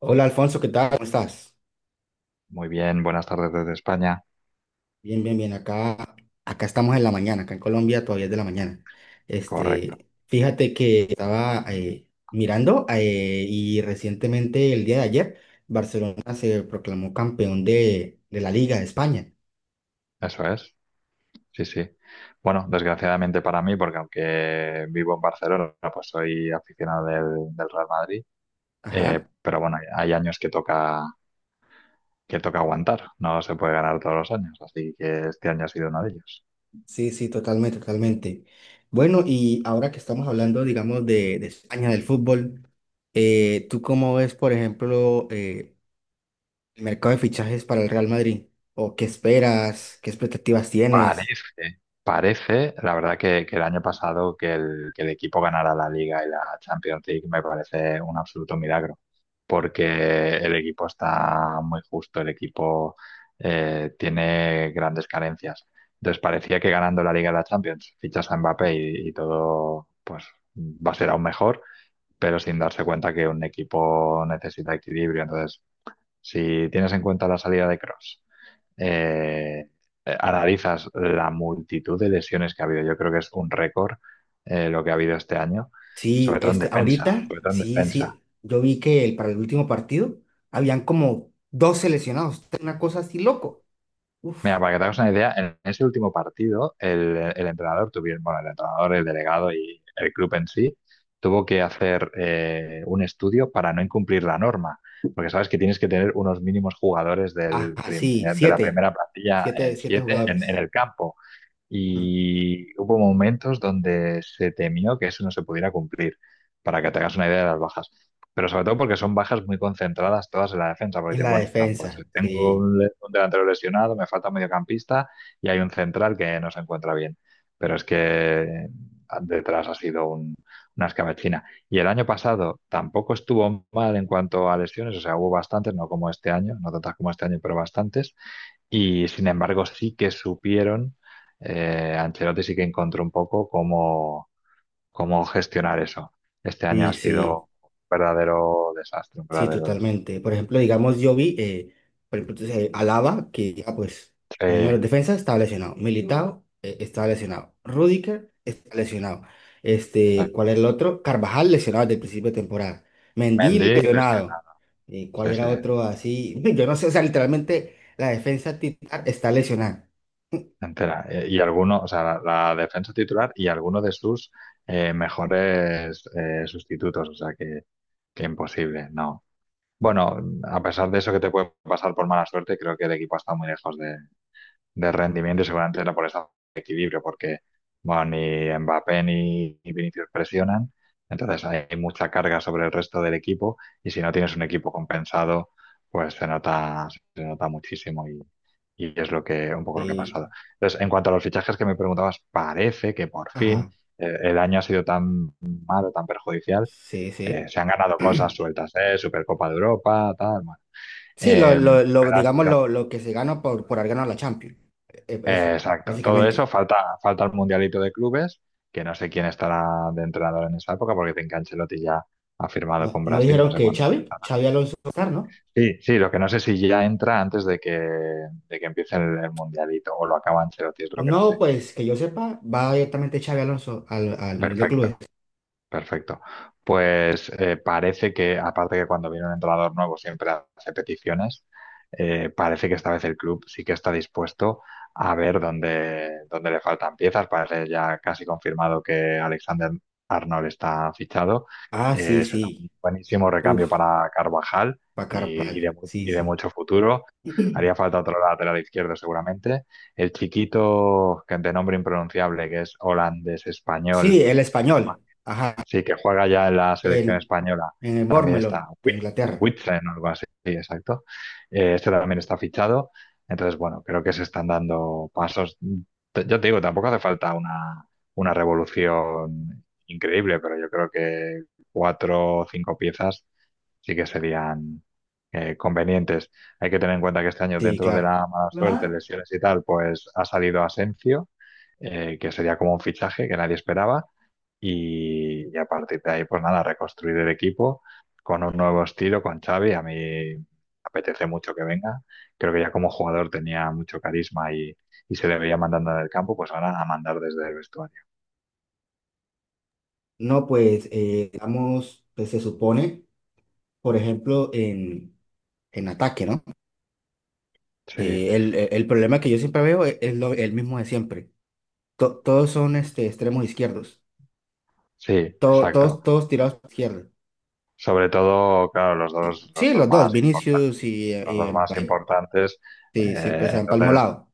Hola Alfonso, ¿qué tal? ¿Cómo estás? Muy bien, buenas tardes desde España. Bien, bien, bien. Acá estamos en la mañana, acá en Colombia todavía es de la mañana. Correcto, Fíjate que estaba mirando y recientemente, el día de ayer, Barcelona se proclamó campeón de la Liga de España. eso es. Sí, sí. Bueno, desgraciadamente para mí, porque aunque vivo en Barcelona, pues soy aficionado del Real Madrid. Ajá, Pero bueno, hay años que toca aguantar. No se puede ganar todos los años, así que este año ha sido uno de ellos. sí, sí, totalmente, totalmente. Bueno, y ahora que estamos hablando, digamos, de España, del fútbol, ¿tú cómo ves, por ejemplo, el mercado de fichajes para el Real Madrid? ¿O qué esperas? ¿Qué expectativas tienes? Parece, la verdad que el año pasado que el equipo ganara la Liga y la Champions League me parece un absoluto milagro, porque el equipo está muy justo, el equipo tiene grandes carencias. Entonces parecía que ganando la Liga y la Champions fichas a Mbappé y todo pues va a ser aún mejor, pero sin darse cuenta que un equipo necesita equilibrio. Entonces, si tienes en cuenta la salida de Cross eh, analizas la multitud de lesiones que ha habido. Yo creo que es un récord lo que ha habido este año, Sí, sobre todo en defensa, ahorita, sobre todo en sí, defensa. sí. Yo vi que para el último partido habían como dos seleccionados. Una cosa así loco. Uf. Mira, para que te hagas una idea, en ese último partido el entrenador tuvieron, bueno, el entrenador, el delegado y el club en sí tuvo que hacer un estudio para no incumplir la norma, porque sabes que tienes que tener unos mínimos jugadores Ajá, sí, de la siete. primera plantilla, Siete, siete siete, en jugadores. el campo. Mm. Y hubo momentos donde se temió que eso no se pudiera cumplir, para que te hagas una idea de las bajas. Pero sobre todo porque son bajas muy concentradas todas en la defensa, porque En dices, la bueno, pues defensa. tengo Sí, un delantero lesionado, me falta un mediocampista y hay un central que no se encuentra bien. Pero es que detrás ha sido una escabechina. Y el año pasado tampoco estuvo mal en cuanto a lesiones, o sea, hubo bastantes, no como este año, no tantas como este año, pero bastantes. Y sin embargo, sí que supieron, Ancelotti sí que encontró un poco cómo gestionar eso. Este año ha sí, sí. sido un verdadero desastre, un Sí, verdadero desastre. totalmente. Por ejemplo, digamos, yo vi, por ejemplo, entonces, Alaba, que ya pues Sí, uno de los defensas estaba lesionado. Militao estaba lesionado. Rudiger está lesionado. sí. ¿Cuál era el otro? Carvajal lesionado desde el principio de temporada. Mendy Mendy, Cristiano, lesionado. ¿Cuál sí, sí, era otro así? Yo no sé, o sea, literalmente la defensa titular está lesionada. entera. Y alguno, o sea, la defensa titular y alguno de sus mejores sustitutos, o sea, que imposible, no. Bueno, a pesar de eso que te puede pasar por mala suerte, creo que el equipo ha estado muy lejos de, rendimiento y seguramente era por esa equilibrio, porque bueno, ni Mbappé ni Vinicius presionan, entonces hay mucha carga sobre el resto del equipo y si no tienes un equipo compensado, pues se nota muchísimo y es lo que, un poco lo que ha pasado. Sí, Entonces, en cuanto a los fichajes que me preguntabas, parece que por fin ajá. El año ha sido tan malo, tan perjudicial, Sí, sí. se han ganado cosas sueltas, ¿eh? Supercopa de Europa, tal, bueno. Sí, Eh, pero ha digamos sido, lo que se gana por haber ganado la Champions. Eso, exacto, todo eso, básicamente. falta el mundialito de clubes, que no sé quién estará de entrenador en esa época, porque Tinka Ancelotti ya ha firmado No, con no Brasil, no dijeron sé que cuándo Xavi, empezará. Xavi Alonso va a estar, ¿no? Sí, sí, lo que no sé si ya entra antes de que empiece el mundialito, o lo acaba Ancelotti, es lo que no No, sé. pues que yo sepa, va directamente Xavi Alonso al Mundial de Perfecto. Clubes. Perfecto. Pues parece que, aparte que cuando viene un entrenador nuevo siempre hace peticiones, parece que esta vez el club sí que está dispuesto a ver dónde le faltan piezas. Parece ya casi confirmado que Alexander Arnold está fichado. Ah, sí, Será un sí. buenísimo recambio Uf, para Carvajal pa' y, y Carvajal. de, mu- Sí, y de sí. mucho futuro. Haría falta otro lateral izquierdo seguramente. El chiquito de nombre impronunciable, que es holandés-español. Sí, el español. Ajá. Sí, que juega ya en la selección El, española. en el También Bournemouth, está de Inglaterra. Huitzen o algo así, sí, exacto. Este también está fichado. Entonces, bueno, creo que se están dando pasos. Yo te digo, tampoco hace falta una revolución increíble, pero yo creo que cuatro o cinco piezas sí que serían convenientes. Hay que tener en cuenta que este año, Sí, dentro de claro. la mala suerte, Claro. lesiones y tal, pues ha salido Asensio, que sería como un fichaje que nadie esperaba. Y a partir de ahí, pues nada, reconstruir el equipo con un nuevo estilo, con Xavi. A mí me apetece mucho que venga. Creo que ya como jugador tenía mucho carisma y se le veía mandando en el campo, pues ahora a mandar desde el vestuario. No, pues, digamos, pues se supone, por ejemplo, en ataque, ¿no? Sí, El problema que yo siempre veo es, lo, el mismo de siempre. Todos son extremos izquierdos. sí, to- exacto. todos, todos tirados para izquierda. Sobre todo, claro, los dos, los Sí, dos los dos, más importantes. Vinicius y, Los y dos más Mbappé. importantes. Sí, siempre eh, se han entonces, palmolado.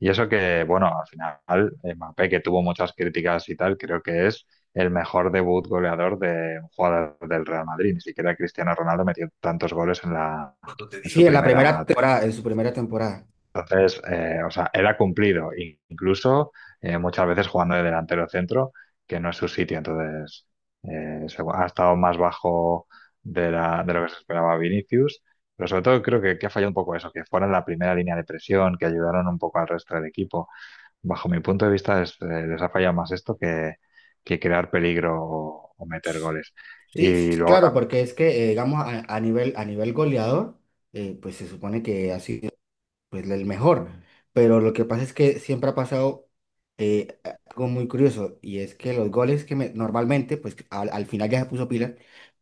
Y eso que, bueno, al final, Mbappé, que tuvo muchas críticas y tal, creo que es el mejor debut goleador de un jugador del Real Madrid. Ni siquiera Cristiano Ronaldo metió tantos goles en su Sí, en la primera primera. Temporada, en su primera temporada. Entonces, o sea, era cumplido, incluso muchas veces jugando de delantero centro, que no es su sitio. Entonces, ha estado más bajo de lo que se esperaba Vinicius. Pero sobre todo creo que ha fallado un poco eso, que fuera la primera línea de presión, que ayudaron un poco al resto del equipo bajo mi punto de vista, les ha fallado más esto que crear peligro o meter goles. Sí, Y sí, luego claro, también, porque es que, digamos, a nivel, a nivel goleador, pues se supone que ha sido pues, el mejor. Pero lo que pasa es que siempre ha pasado eh, algo muy curioso, y es que los goles normalmente, pues al final ya se puso pila.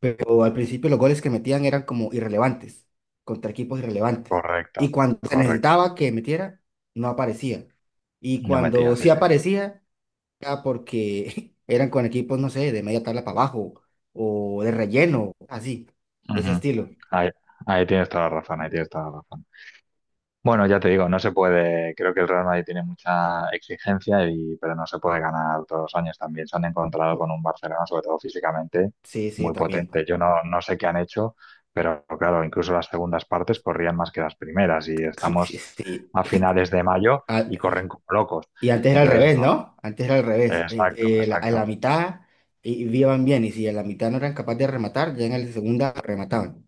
Pero al principio los goles que metían eran como irrelevantes, contra equipos irrelevantes. Y correcto, cuando se correcto. necesitaba que metiera, no aparecía. Y No cuando metía, sí, sí sí. aparecía, era porque eran con equipos, no sé, de media tabla para abajo o de relleno, así, de ese Ujú. estilo. Ahí, ahí tienes toda la razón, ahí tienes toda la razón. Bueno, ya te digo, no se puede, creo que el Real Madrid tiene mucha exigencia y, pero no se puede ganar todos los años también. Se han encontrado con un Barcelona, sobre todo físicamente, Sí, sí, muy también. potente. Yo no, no sé qué han hecho, pero claro, incluso las segundas partes corrían más que las primeras y Sí, sí, estamos sí. a finales de mayo Ah, y corren y como locos. y antes era al Entonces, revés, no, ¿no? Antes era al revés. Exacto, A la exacto. mitad y iban bien, y si a la mitad no eran capaces de rematar, ya en la segunda remataban.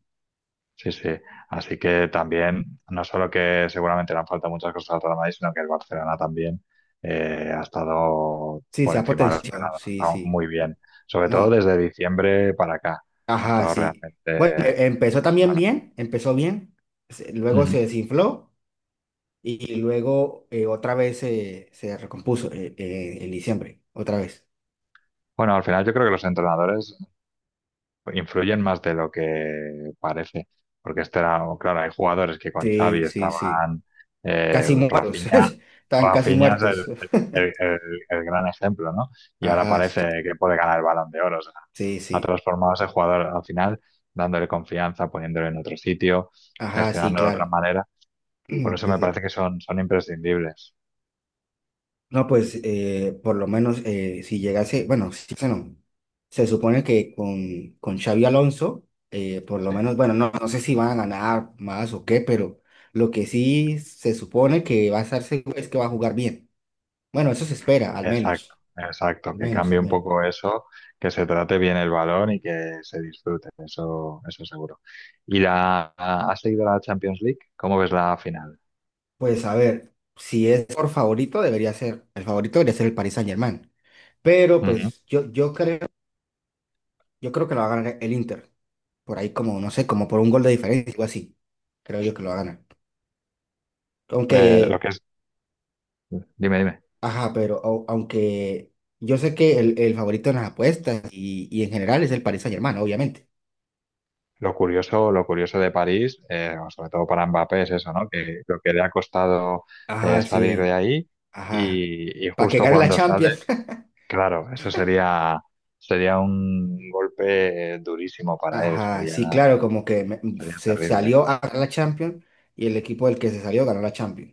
Sí, sí. Así que también, no solo que seguramente le han faltado muchas cosas al Real Madrid, sino que el Barcelona también ha estado Sí, por se ha encima de lo potenciado, esperado, ha sí, estado sí. muy bien. Sobre todo No, desde diciembre para acá, ha ajá, estado sí. realmente... Bueno, empezó también realmente- bien, empezó bien, luego Ujú. se desinfló y luego otra vez se recompuso, en diciembre, otra vez. Bueno, al final yo creo que los entrenadores influyen más de lo que parece, porque este era, claro, hay jugadores que con Sí, Xavi sí, sí. estaban, Casi muertos, Rafinha, están casi Rafinha es muertos. El- el- el gran ejemplo, ¿no? Y ahora Ajá, sí, parece que puede ganar el Balón de Oro, o sea, sí, ha sí. transformado a ese jugador al final, dándole confianza, poniéndolo en otro sitio, Ajá, sí, gestionando de otra claro. manera, por eso Sí, me sí. parece que son imprescindibles. No, pues por lo menos, si llegase, bueno, si llegase no, se supone que con Xavi Alonso, por lo Sí. menos, bueno, no, no sé si van a ganar más o qué, pero lo que sí se supone que va a estar seguro es que va a jugar bien. Bueno, eso se espera, al Exacto, menos, exacto, al que menos, cambie al un menos. poco eso, que se trate bien el balón y que se disfrute, eso seguro. ¿Y has seguido la Champions League? ¿Cómo ves la final? Pues a ver, si es por favorito, debería ser, el favorito debería ser el Paris Saint-Germain, pero Ujú. pues yo creo, yo creo, que lo va a ganar el Inter, por ahí como, no sé, como por un gol de diferencia, algo así, creo yo que lo va a ganar. Lo Aunque, que es, dime, dime. ajá, pero aunque yo sé que el favorito en las apuestas y en general es el Paris Saint-Germain, obviamente. Lo curioso de París, sobre todo para Mbappé, es eso, ¿no? Que lo que le ha costado Ajá, salir de sí, ahí ajá. y Para que justo gane la cuando sale, Champions. claro, eso sería un golpe durísimo para él, Ajá, sería, sí, claro, como sería se terrible. salió a ganar la Champions y el equipo del que se salió ganó la Champions.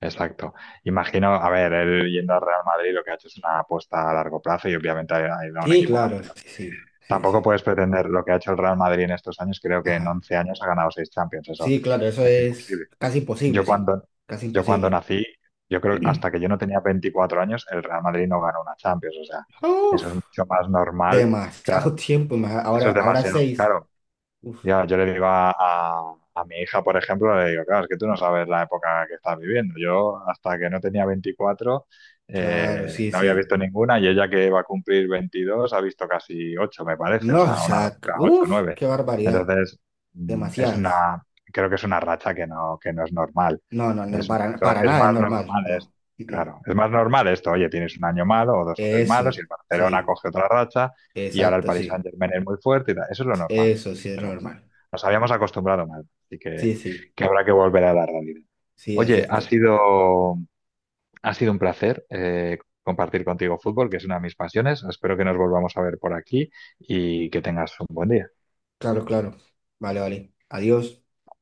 Exacto. Imagino, a ver, él yendo al Real Madrid lo que ha hecho es una apuesta a largo plazo y obviamente ha ido a un Sí, equipo claro, campeón. sí, sí, sí, Tampoco sí. puedes pretender lo que ha hecho el Real Madrid en estos años, creo que en Ajá. 11 años ha ganado 6 Champions, eso Sí, claro, eso es es imposible. casi Yo imposible, sí. cuando, Casi yo cuando imposible. nací, yo creo que hasta que yo no tenía 24 años, el Real Madrid no ganó una Champions, o sea, eso es Uf, mucho más normal, demasiado claro, tiempo. ma- eso es Ahora, ahora demasiado, seis. claro, Uf. ya, yo le digo a, a mi hija, por ejemplo, le digo, claro, es que tú no sabes la época que estás viviendo. Yo, hasta que no tenía 24 Claro, sí, no había sí. visto ninguna y ella que va a cumplir 22 ha visto casi 8 me parece, o No, o sea, una sea, locura, 8 uff, nueve. qué barbaridad. Entonces, mm, es Demasiadas. una, creo que es una racha que no es normal. No, no, no, Es, para, no, para es nada es más normal, normal, no. Mm, mm. claro, es más normal esto, oye, tienes un año malo o dos o tres malos Eso, y el Barcelona sí, coge otra racha y ahora el exacto, Paris sí. Saint-Germain es muy fuerte y tal. Eso es lo normal. Eso sí es Pero normal. nos habíamos acostumbrado mal, así que, Sí, sí, habrá que volver a la realidad. sí, es Oye, ha cierto. sido, ha sido un placer compartir contigo fútbol, que es una de mis pasiones. Espero que nos volvamos a ver por aquí y que tengas un buen día. Claro, claro. Vale, vale. Adiós.